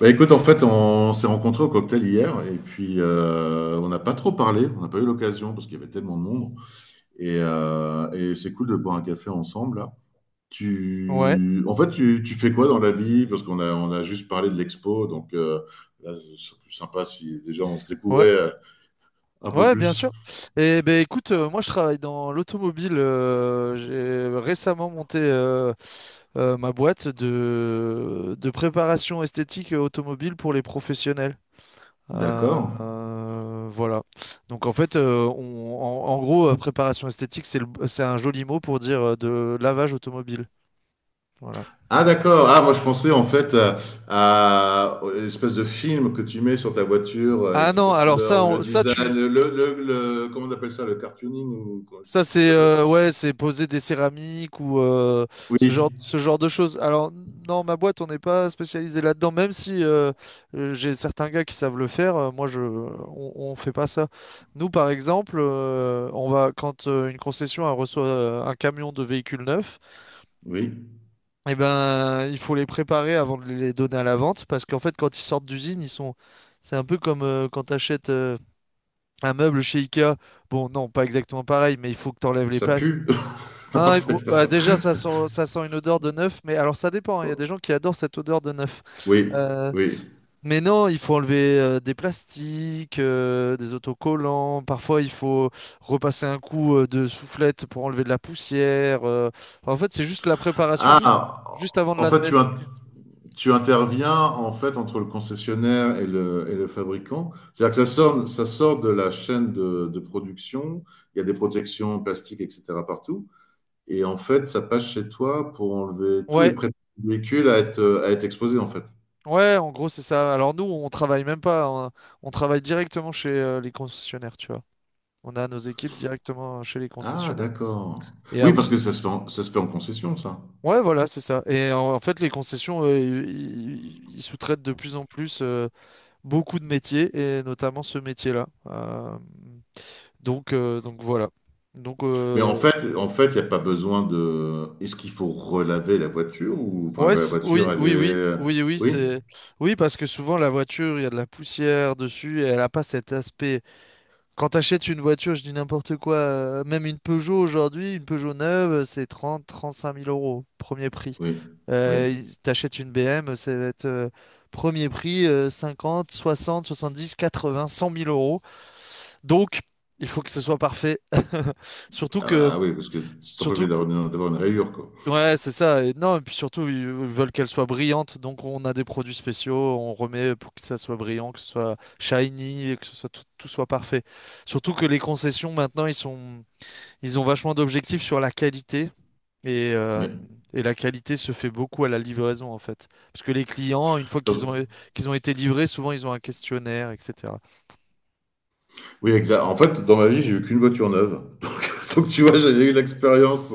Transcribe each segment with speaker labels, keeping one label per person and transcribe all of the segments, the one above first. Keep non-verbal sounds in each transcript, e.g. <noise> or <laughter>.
Speaker 1: Écoute, en fait, on s'est rencontrés au cocktail hier et puis on n'a pas trop parlé, on n'a pas eu l'occasion parce qu'il y avait tellement de monde. Et c'est cool de boire un café ensemble là.
Speaker 2: Ouais,
Speaker 1: Tu, en fait, tu fais quoi dans la vie? Parce qu'on a juste parlé de l'expo, là, c'est plus sympa si déjà on se
Speaker 2: ouais,
Speaker 1: découvrait un peu
Speaker 2: ouais, bien
Speaker 1: plus.
Speaker 2: sûr. Et ben écoute, moi je travaille dans l'automobile. J'ai récemment monté ma boîte de préparation esthétique automobile pour les professionnels.
Speaker 1: D'accord.
Speaker 2: Voilà. Donc en fait, en gros, préparation esthétique, c'est un joli mot pour dire de lavage automobile. Voilà.
Speaker 1: Ah d'accord. Ah moi je pensais en fait à l'espèce de film que tu mets sur ta voiture avec
Speaker 2: Ah
Speaker 1: toutes
Speaker 2: non,
Speaker 1: les
Speaker 2: alors
Speaker 1: couleurs
Speaker 2: ça,
Speaker 1: ou le
Speaker 2: on- ça
Speaker 1: design,
Speaker 2: tu,
Speaker 1: comment on appelle ça, le cartooning je sais
Speaker 2: Ça,
Speaker 1: plus comment
Speaker 2: c'est
Speaker 1: ça s'appelle.
Speaker 2: c'est poser des céramiques ou
Speaker 1: Oui,
Speaker 2: ce genre de choses. Alors, non, ma boîte, on n'est pas spécialisé là-dedans, même si j'ai certains gars qui savent le faire. Moi, on fait pas ça. Nous, par exemple, on va quand une concession elle reçoit un camion de véhicules neufs.
Speaker 1: oui,
Speaker 2: Eh ben, il faut les préparer avant de les donner à la vente, parce qu'en fait, quand ils sortent d'usine, ils sont, c'est un peu comme quand tu achètes un meuble chez Ikea. Bon, non, pas exactement pareil, mais il faut que tu enlèves les
Speaker 1: ça
Speaker 2: places,
Speaker 1: pue. <laughs> Non,
Speaker 2: ah,
Speaker 1: c'est pas
Speaker 2: bah,
Speaker 1: ça.
Speaker 2: déjà, ça sent une odeur de neuf, mais alors ça dépend, hein. Il y a des gens qui adorent cette odeur de neuf.
Speaker 1: Oui,
Speaker 2: Euh,
Speaker 1: oui.
Speaker 2: mais non, il faut enlever des plastiques, des autocollants. Parfois, il faut repasser un coup de soufflette pour enlever de la poussière. Enfin, en fait, c'est juste la préparation, juste,
Speaker 1: Ah,
Speaker 2: juste avant de
Speaker 1: en fait tu,
Speaker 2: l'admettre au
Speaker 1: in-
Speaker 2: client.
Speaker 1: tu interviens en fait entre le concessionnaire et le fabricant. C'est-à-dire que ça sort de la chaîne de production. Il y a des protections plastiques, etc. partout. Et en fait, ça passe chez toi pour enlever tout et
Speaker 2: Ouais,
Speaker 1: préparer le véhicule à à être exposé, en fait?
Speaker 2: ouais, en gros, c'est ça. Alors nous, on travaille même pas. On travaille directement chez les concessionnaires, tu vois. On a nos équipes directement chez les
Speaker 1: Ah
Speaker 2: concessionnaires.
Speaker 1: d'accord.
Speaker 2: Et
Speaker 1: Oui, parce
Speaker 2: après,
Speaker 1: que ça se fait en concession, ça.
Speaker 2: ouais, voilà, c'est ça. En fait, les concessions, ils sous-traitent de plus en plus beaucoup de métiers, et notamment ce métier-là. Donc voilà. Donc,
Speaker 1: Mais en
Speaker 2: euh,
Speaker 1: fait en fait, il y a pas besoin de est-ce qu'il faut relaver la voiture ou enfin, la voiture,
Speaker 2: oui,
Speaker 1: elle est,
Speaker 2: oui, oui,
Speaker 1: euh,
Speaker 2: oui, oui,
Speaker 1: oui?
Speaker 2: c'est, oui, parce que souvent la voiture, il y a de la poussière dessus, et elle n'a pas cet aspect. Quand t'achètes une voiture, je dis n'importe quoi, même une Peugeot aujourd'hui, une Peugeot neuve, c'est 30, 35 000 euros, premier prix.
Speaker 1: Oui, oui.
Speaker 2: T'achètes une BM, ça va être premier prix, 50, 60, 70, 80, 100 000 euros. Donc, il faut que ce soit parfait. <laughs> Surtout
Speaker 1: Ah bah,
Speaker 2: que,
Speaker 1: ah oui, parce que tu es pas
Speaker 2: surtout
Speaker 1: obligé
Speaker 2: que
Speaker 1: d'avoir une rayure, quoi.
Speaker 2: ouais, c'est ça. Et non, et puis surtout, ils veulent qu'elle soit brillante. Donc, on a des produits spéciaux, on remet pour que ça soit brillant, que ce soit shiny, et que ce soit tout, tout soit parfait. Surtout que les concessions, maintenant, ils ont vachement d'objectifs sur la qualité. Et
Speaker 1: Oui.
Speaker 2: et la qualité se fait beaucoup à la livraison, en fait. Parce que les clients, une fois
Speaker 1: Parce
Speaker 2: qu'ils ont été livrés, souvent, ils ont un questionnaire, etc.
Speaker 1: Oui, exact. En fait, dans ma vie, j'ai eu qu'une voiture neuve. <laughs> Donc tu vois, j'ai eu l'expérience.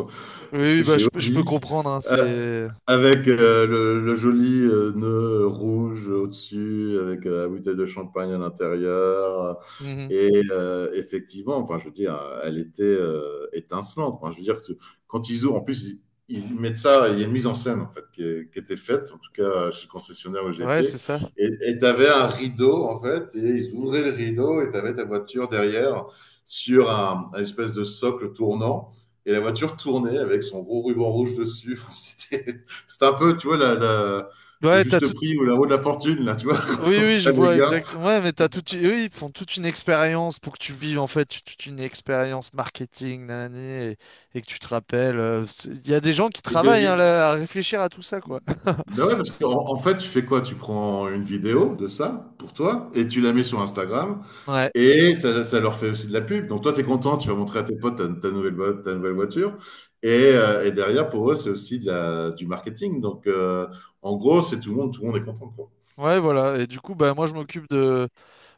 Speaker 2: Oui,
Speaker 1: C'était
Speaker 2: oui, bah,
Speaker 1: chez
Speaker 2: je peux
Speaker 1: Audi.
Speaker 2: comprendre, hein,
Speaker 1: Euh,
Speaker 2: c'est...
Speaker 1: Avec le joli nœud rouge au-dessus, avec la bouteille de champagne à l'intérieur.
Speaker 2: Mhm.
Speaker 1: Et effectivement, enfin, je veux dire, elle était étincelante. Enfin, je veux dire que quand ils ouvrent, en plus, ils mettent ça, il y a une mise en scène en fait qui était faite, en tout cas chez le concessionnaire où
Speaker 2: Ouais, c'est
Speaker 1: j'étais.
Speaker 2: ça.
Speaker 1: Et tu avais un rideau en fait, et ils ouvraient le rideau et tu avais ta voiture derrière sur un espèce de socle tournant. Et la voiture tournait avec son gros ruban rouge dessus. <laughs> C'était un peu, tu vois, le
Speaker 2: Ouais, t'as
Speaker 1: juste
Speaker 2: tout
Speaker 1: prix ou la roue de la fortune, là, tu vois,
Speaker 2: oui,
Speaker 1: <laughs> quand
Speaker 2: oui, je
Speaker 1: t'as les
Speaker 2: vois
Speaker 1: gars.
Speaker 2: exactement. Ouais, mais t'as toute... eux, ils font toute une expérience pour que tu vives, en fait, toute une expérience marketing, nanani, et, et que tu te rappelles. Il y a des gens qui
Speaker 1: Et tu
Speaker 2: travaillent hein,
Speaker 1: dit,
Speaker 2: là, à réfléchir à tout ça, quoi.
Speaker 1: ben ouais, parce qu'en en fait, tu fais quoi? Tu prends une vidéo de ça pour toi et tu la mets sur Instagram
Speaker 2: <laughs> Ouais,
Speaker 1: et ça leur fait aussi de la pub. Donc toi, tu es content, tu vas montrer à tes potes ta nouvelle voiture. Et, et derrière, pour eux, c'est aussi du marketing. En gros, c'est tout le monde est content, quoi.
Speaker 2: ouais, voilà. Et du coup, bah, moi, je m'occupe de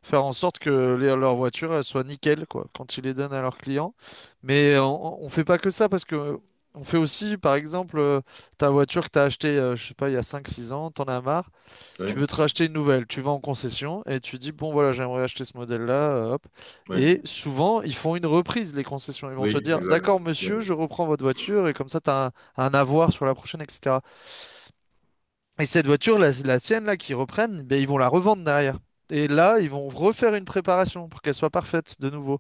Speaker 2: faire en sorte que leurs voitures elles soient nickel, quoi, quand ils les donnent à leurs clients. Mais on fait pas que ça parce que on fait aussi, par exemple, ta voiture que t'as achetée, je sais pas, il y a 5 6 ans, t'en as marre.
Speaker 1: Ouais,
Speaker 2: Tu veux te racheter une nouvelle, tu vas en concession et tu dis, bon voilà, j'aimerais acheter ce modèle-là, hop.
Speaker 1: ouais,
Speaker 2: Et souvent, ils font une reprise, les concessions. Ils vont te
Speaker 1: oui,
Speaker 2: dire,
Speaker 1: exact.
Speaker 2: d'accord, monsieur, je reprends votre voiture et comme ça, tu as un avoir sur la prochaine, etc. Et cette voiture, la tienne, là, qu'ils reprennent, ben, ils vont la revendre derrière. Et là, ils vont refaire une préparation pour qu'elle soit parfaite de nouveau.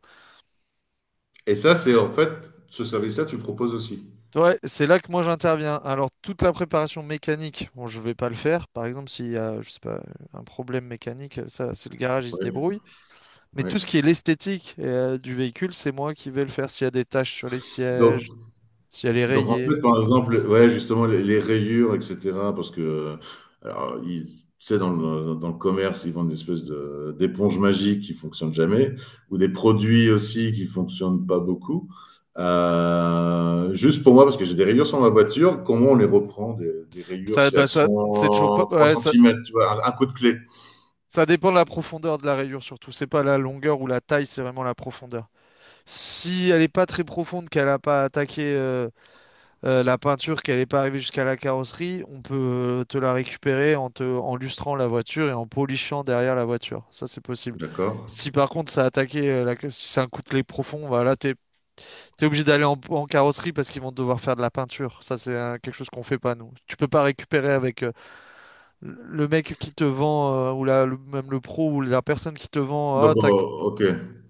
Speaker 1: Et ça, c'est en fait, ce service-là, tu le proposes aussi.
Speaker 2: Ouais, c'est là que moi j'interviens. Alors, toute la préparation mécanique, bon, je vais pas le faire. Par exemple, s'il y a, je sais pas, un problème mécanique, ça, c'est le garage, il se
Speaker 1: Ouais,
Speaker 2: débrouille. Mais
Speaker 1: ouais.
Speaker 2: tout ce qui est l'esthétique du véhicule, c'est moi qui vais le faire. S'il y a des taches sur les
Speaker 1: Donc,
Speaker 2: sièges, si elle est
Speaker 1: En
Speaker 2: rayée.
Speaker 1: fait, par exemple, ouais, justement, les rayures, etc., parce que, alors, tu sais, dans le commerce, ils vendent des espèces d'éponges magiques qui fonctionnent jamais, ou des produits aussi qui fonctionnent pas beaucoup. Juste pour moi, parce que j'ai des rayures sur ma voiture, comment on les reprend, des rayures,
Speaker 2: Ça,
Speaker 1: si
Speaker 2: bah
Speaker 1: elles
Speaker 2: ça, c'est toujours pas.
Speaker 1: sont 3
Speaker 2: Ouais, ça,
Speaker 1: centimètres, tu vois, un coup de clé,
Speaker 2: ça dépend de la profondeur de la rayure surtout. C'est pas la longueur ou la taille, c'est vraiment la profondeur. Si elle est pas très profonde, qu'elle a pas attaqué la peinture, qu'elle est pas arrivée jusqu'à la carrosserie, on peut te la récupérer en te, en lustrant la voiture et en polishant derrière la voiture. Ça, c'est possible.
Speaker 1: d'accord?
Speaker 2: Si par contre ça a attaqué, si c'est un coup de clé profond, voilà, t'es obligé d'aller en carrosserie parce qu'ils vont devoir faire de la peinture. Ça, c'est quelque chose qu'on fait pas, nous. Tu peux pas récupérer avec le mec qui te vend, même le pro, ou la personne qui te vend.
Speaker 1: Donc,
Speaker 2: Ah, t'as- que
Speaker 1: oh, ok.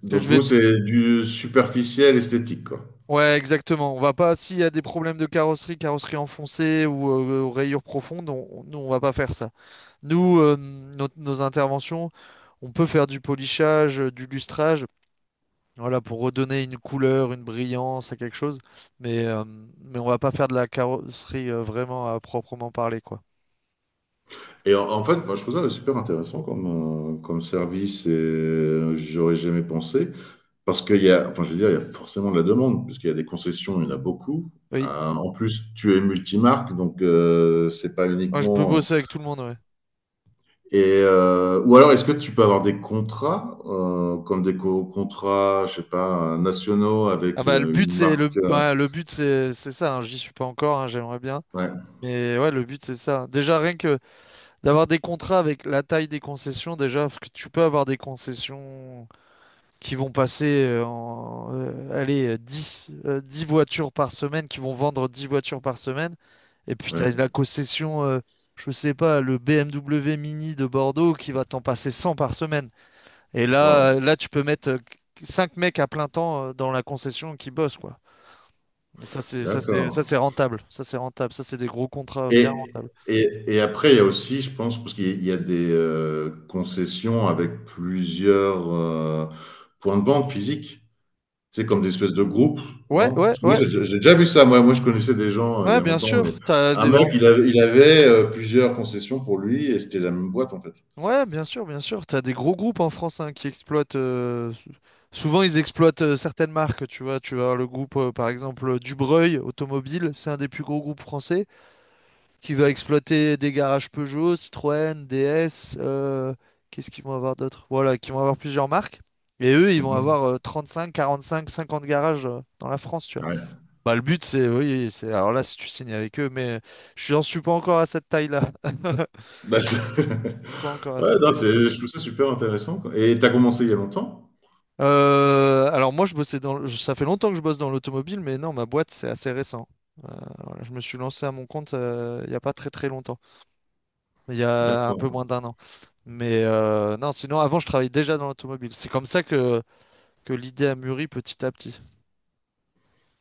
Speaker 1: Donc,
Speaker 2: je
Speaker 1: vous,
Speaker 2: vais. Te-
Speaker 1: c'est du superficiel esthétique, quoi.
Speaker 2: Ouais, exactement. On va pas, s'il y a des problèmes de carrosserie, carrosserie enfoncée ou rayures profondes, nous, on va pas faire ça. Nous, nos nos interventions, on peut faire du polissage, du lustrage, voilà, pour redonner une couleur, une brillance à quelque chose. Mais, euh, mais on va pas faire de la carrosserie vraiment à proprement parler, quoi.
Speaker 1: Et en fait, moi, je trouve ça super intéressant comme, comme service et j'aurais jamais pensé. Parce qu'il y a, enfin, je veux dire, il y a forcément de la demande, puisqu'il y a des concessions, il y en a beaucoup.
Speaker 2: Oui,
Speaker 1: En plus, tu es multimarque, donc c'est pas
Speaker 2: moi, je peux
Speaker 1: uniquement.
Speaker 2: bosser avec tout le monde, ouais.
Speaker 1: Et ou alors, est-ce que tu peux avoir des contrats, comme des contrats, je sais pas, nationaux
Speaker 2: Ah
Speaker 1: avec
Speaker 2: bah le but
Speaker 1: une
Speaker 2: c'est le
Speaker 1: marque
Speaker 2: Ouais, le but c'est ça, hein. J'y suis pas encore, hein, j'aimerais bien.
Speaker 1: Ouais,
Speaker 2: Mais ouais, le but c'est ça. Déjà rien que d'avoir des contrats avec la taille des concessions, déjà, parce que tu peux avoir des concessions qui vont passer allez, 10, 10 voitures par semaine, qui vont vendre 10 voitures par semaine. Et puis, tu
Speaker 1: ouais.
Speaker 2: as la concession, je sais pas, le BMW Mini de Bordeaux qui va t'en passer 100 par semaine. Et là, euh,
Speaker 1: Waouh,
Speaker 2: là tu peux mettre 5 mecs à plein temps dans la concession qui bossent, quoi. Et ça, c'est
Speaker 1: d'accord.
Speaker 2: rentable. Ça, c'est rentable. Ça, c'est des gros contrats bien
Speaker 1: Et,
Speaker 2: rentables.
Speaker 1: et après, il y a aussi, je pense, parce qu'il y a il y a des concessions avec plusieurs points de vente physiques. C'est comme des espèces de groupes,
Speaker 2: Ouais,
Speaker 1: non?
Speaker 2: ouais,
Speaker 1: Parce que moi,
Speaker 2: ouais.
Speaker 1: j'ai déjà vu ça. Moi, je connaissais des gens, il y
Speaker 2: Ouais,
Speaker 1: a
Speaker 2: bien
Speaker 1: longtemps,
Speaker 2: sûr.
Speaker 1: mais un mec, il avait plusieurs concessions pour lui et c'était la même boîte, en fait.
Speaker 2: Ouais, bien sûr, bien sûr. T'as des gros groupes en France hein, qui exploitent. Souvent, ils exploitent certaines marques. Tu vois, tu vas avoir le groupe, par exemple, Dubreuil Automobile. C'est un des plus gros groupes français qui va exploiter des garages Peugeot, Citroën, DS. Qu'est-ce qu'ils vont avoir d'autre? Voilà, qui vont avoir plusieurs marques. Et eux, ils
Speaker 1: Mmh
Speaker 2: vont
Speaker 1: mh.
Speaker 2: avoir 35, 45, 50 garages dans la France. Tu vois.
Speaker 1: Ouais.
Speaker 2: Bah, le but, c'est, oui, c'est. Alors là, si tu signes avec eux, mais je n'en suis pas encore à cette taille-là. <laughs>
Speaker 1: Bah, c'est
Speaker 2: Pas encore
Speaker 1: <laughs>
Speaker 2: à
Speaker 1: ouais,
Speaker 2: cette
Speaker 1: non, c'est je trouve ça super intéressant, quoi et tu as commencé il y a longtemps?
Speaker 2: Alors moi, je bossais dans, ça fait longtemps que je bosse dans l'automobile, mais non, ma boîte, c'est assez récent. Euh, voilà, je me suis lancé à mon compte il n'y a pas très très longtemps, il y a un peu
Speaker 1: D'accord,
Speaker 2: moins d'1 an. Mais non, sinon, avant, je travaillais déjà dans l'automobile. C'est comme ça que l'idée a mûri petit à petit,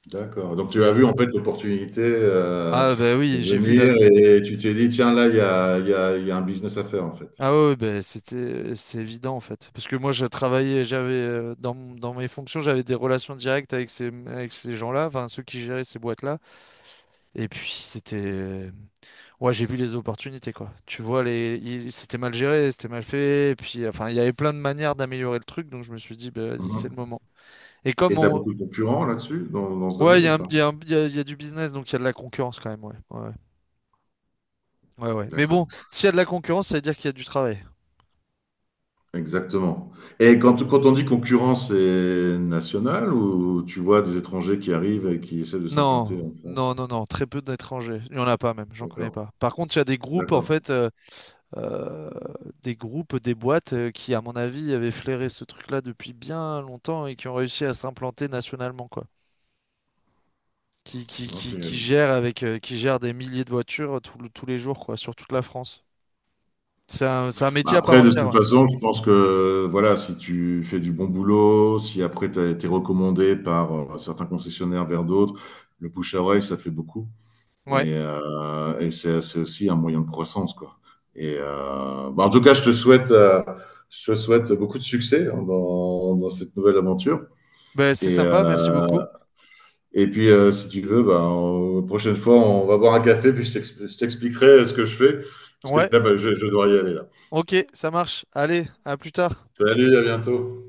Speaker 1: d'accord.
Speaker 2: en
Speaker 1: Donc tu as
Speaker 2: fait.
Speaker 1: vu en fait l'opportunité,
Speaker 2: Ah bah oui, j'ai vu la...
Speaker 1: venir et tu t'es dit: «Tiens là, il y a il y a un business à faire en fait».
Speaker 2: Ah ouais, ouais, bah, c'est évident, en fait. Parce que moi, je travaillais, j'avais, dans, mon- dans mes fonctions, j'avais des relations directes avec ces gens-là, enfin, ceux qui géraient ces boîtes-là. Et puis, c'était... Ouais, j'ai vu les opportunités, quoi. Tu vois, c'était mal géré, c'était mal fait. Et puis, enfin, il y avait plein de manières d'améliorer le truc. Donc, je me suis dit, bah, vas-y, c'est le
Speaker 1: Mmh
Speaker 2: moment. Et comme
Speaker 1: et tu as
Speaker 2: on.
Speaker 1: beaucoup de concurrents là-dessus, dans ce
Speaker 2: Ouais, il
Speaker 1: domaine
Speaker 2: y
Speaker 1: ou
Speaker 2: a un-
Speaker 1: pas?
Speaker 2: il y a un- il y a du business, donc il y a de la concurrence quand même. Ouais, ouais. Mais bon,
Speaker 1: D'accord,
Speaker 2: s'il y a de la concurrence, ça veut dire qu'il y a du travail.
Speaker 1: exactement et quand on dit concurrent, c'est national ou tu vois des étrangers qui arrivent et qui essaient de
Speaker 2: Non,
Speaker 1: s'implanter en France?
Speaker 2: non, très peu d'étrangers. Il n'y en a pas même, j'en connais
Speaker 1: D'accord,
Speaker 2: pas. Par contre, il y a des groupes, en
Speaker 1: d'accord.
Speaker 2: fait, euh, des groupes, des boîtes qui, à mon avis, avaient flairé ce truc-là depuis bien longtemps et qui ont réussi à s'implanter nationalement, quoi. Qui
Speaker 1: OK.
Speaker 2: gère avec, qui gère des milliers de voitures tous les jours, quoi, sur toute la France. C'est un
Speaker 1: Bah,
Speaker 2: métier à part
Speaker 1: après, de
Speaker 2: entière.
Speaker 1: toute
Speaker 2: Ouais.
Speaker 1: façon, je pense que voilà, si tu fais du bon boulot, si après tu as été recommandé par certains concessionnaires vers d'autres, le bouche à oreille, ça fait beaucoup.
Speaker 2: Ouais.
Speaker 1: Et, euh, et c'est aussi un moyen de croissance, quoi. Et en tout cas, je te souhaite beaucoup de succès hein, dans cette nouvelle aventure.
Speaker 2: Ben, c'est
Speaker 1: Et,
Speaker 2: sympa,
Speaker 1: euh,
Speaker 2: merci beaucoup.
Speaker 1: et puis, si tu veux, bah, prochaine fois, on va boire un café, puis je t'expliquerai ce que je fais, parce que
Speaker 2: Ouais,
Speaker 1: là, bah, je dois y aller là.
Speaker 2: ok, ça marche. Allez, à plus tard.
Speaker 1: Salut, à bientôt.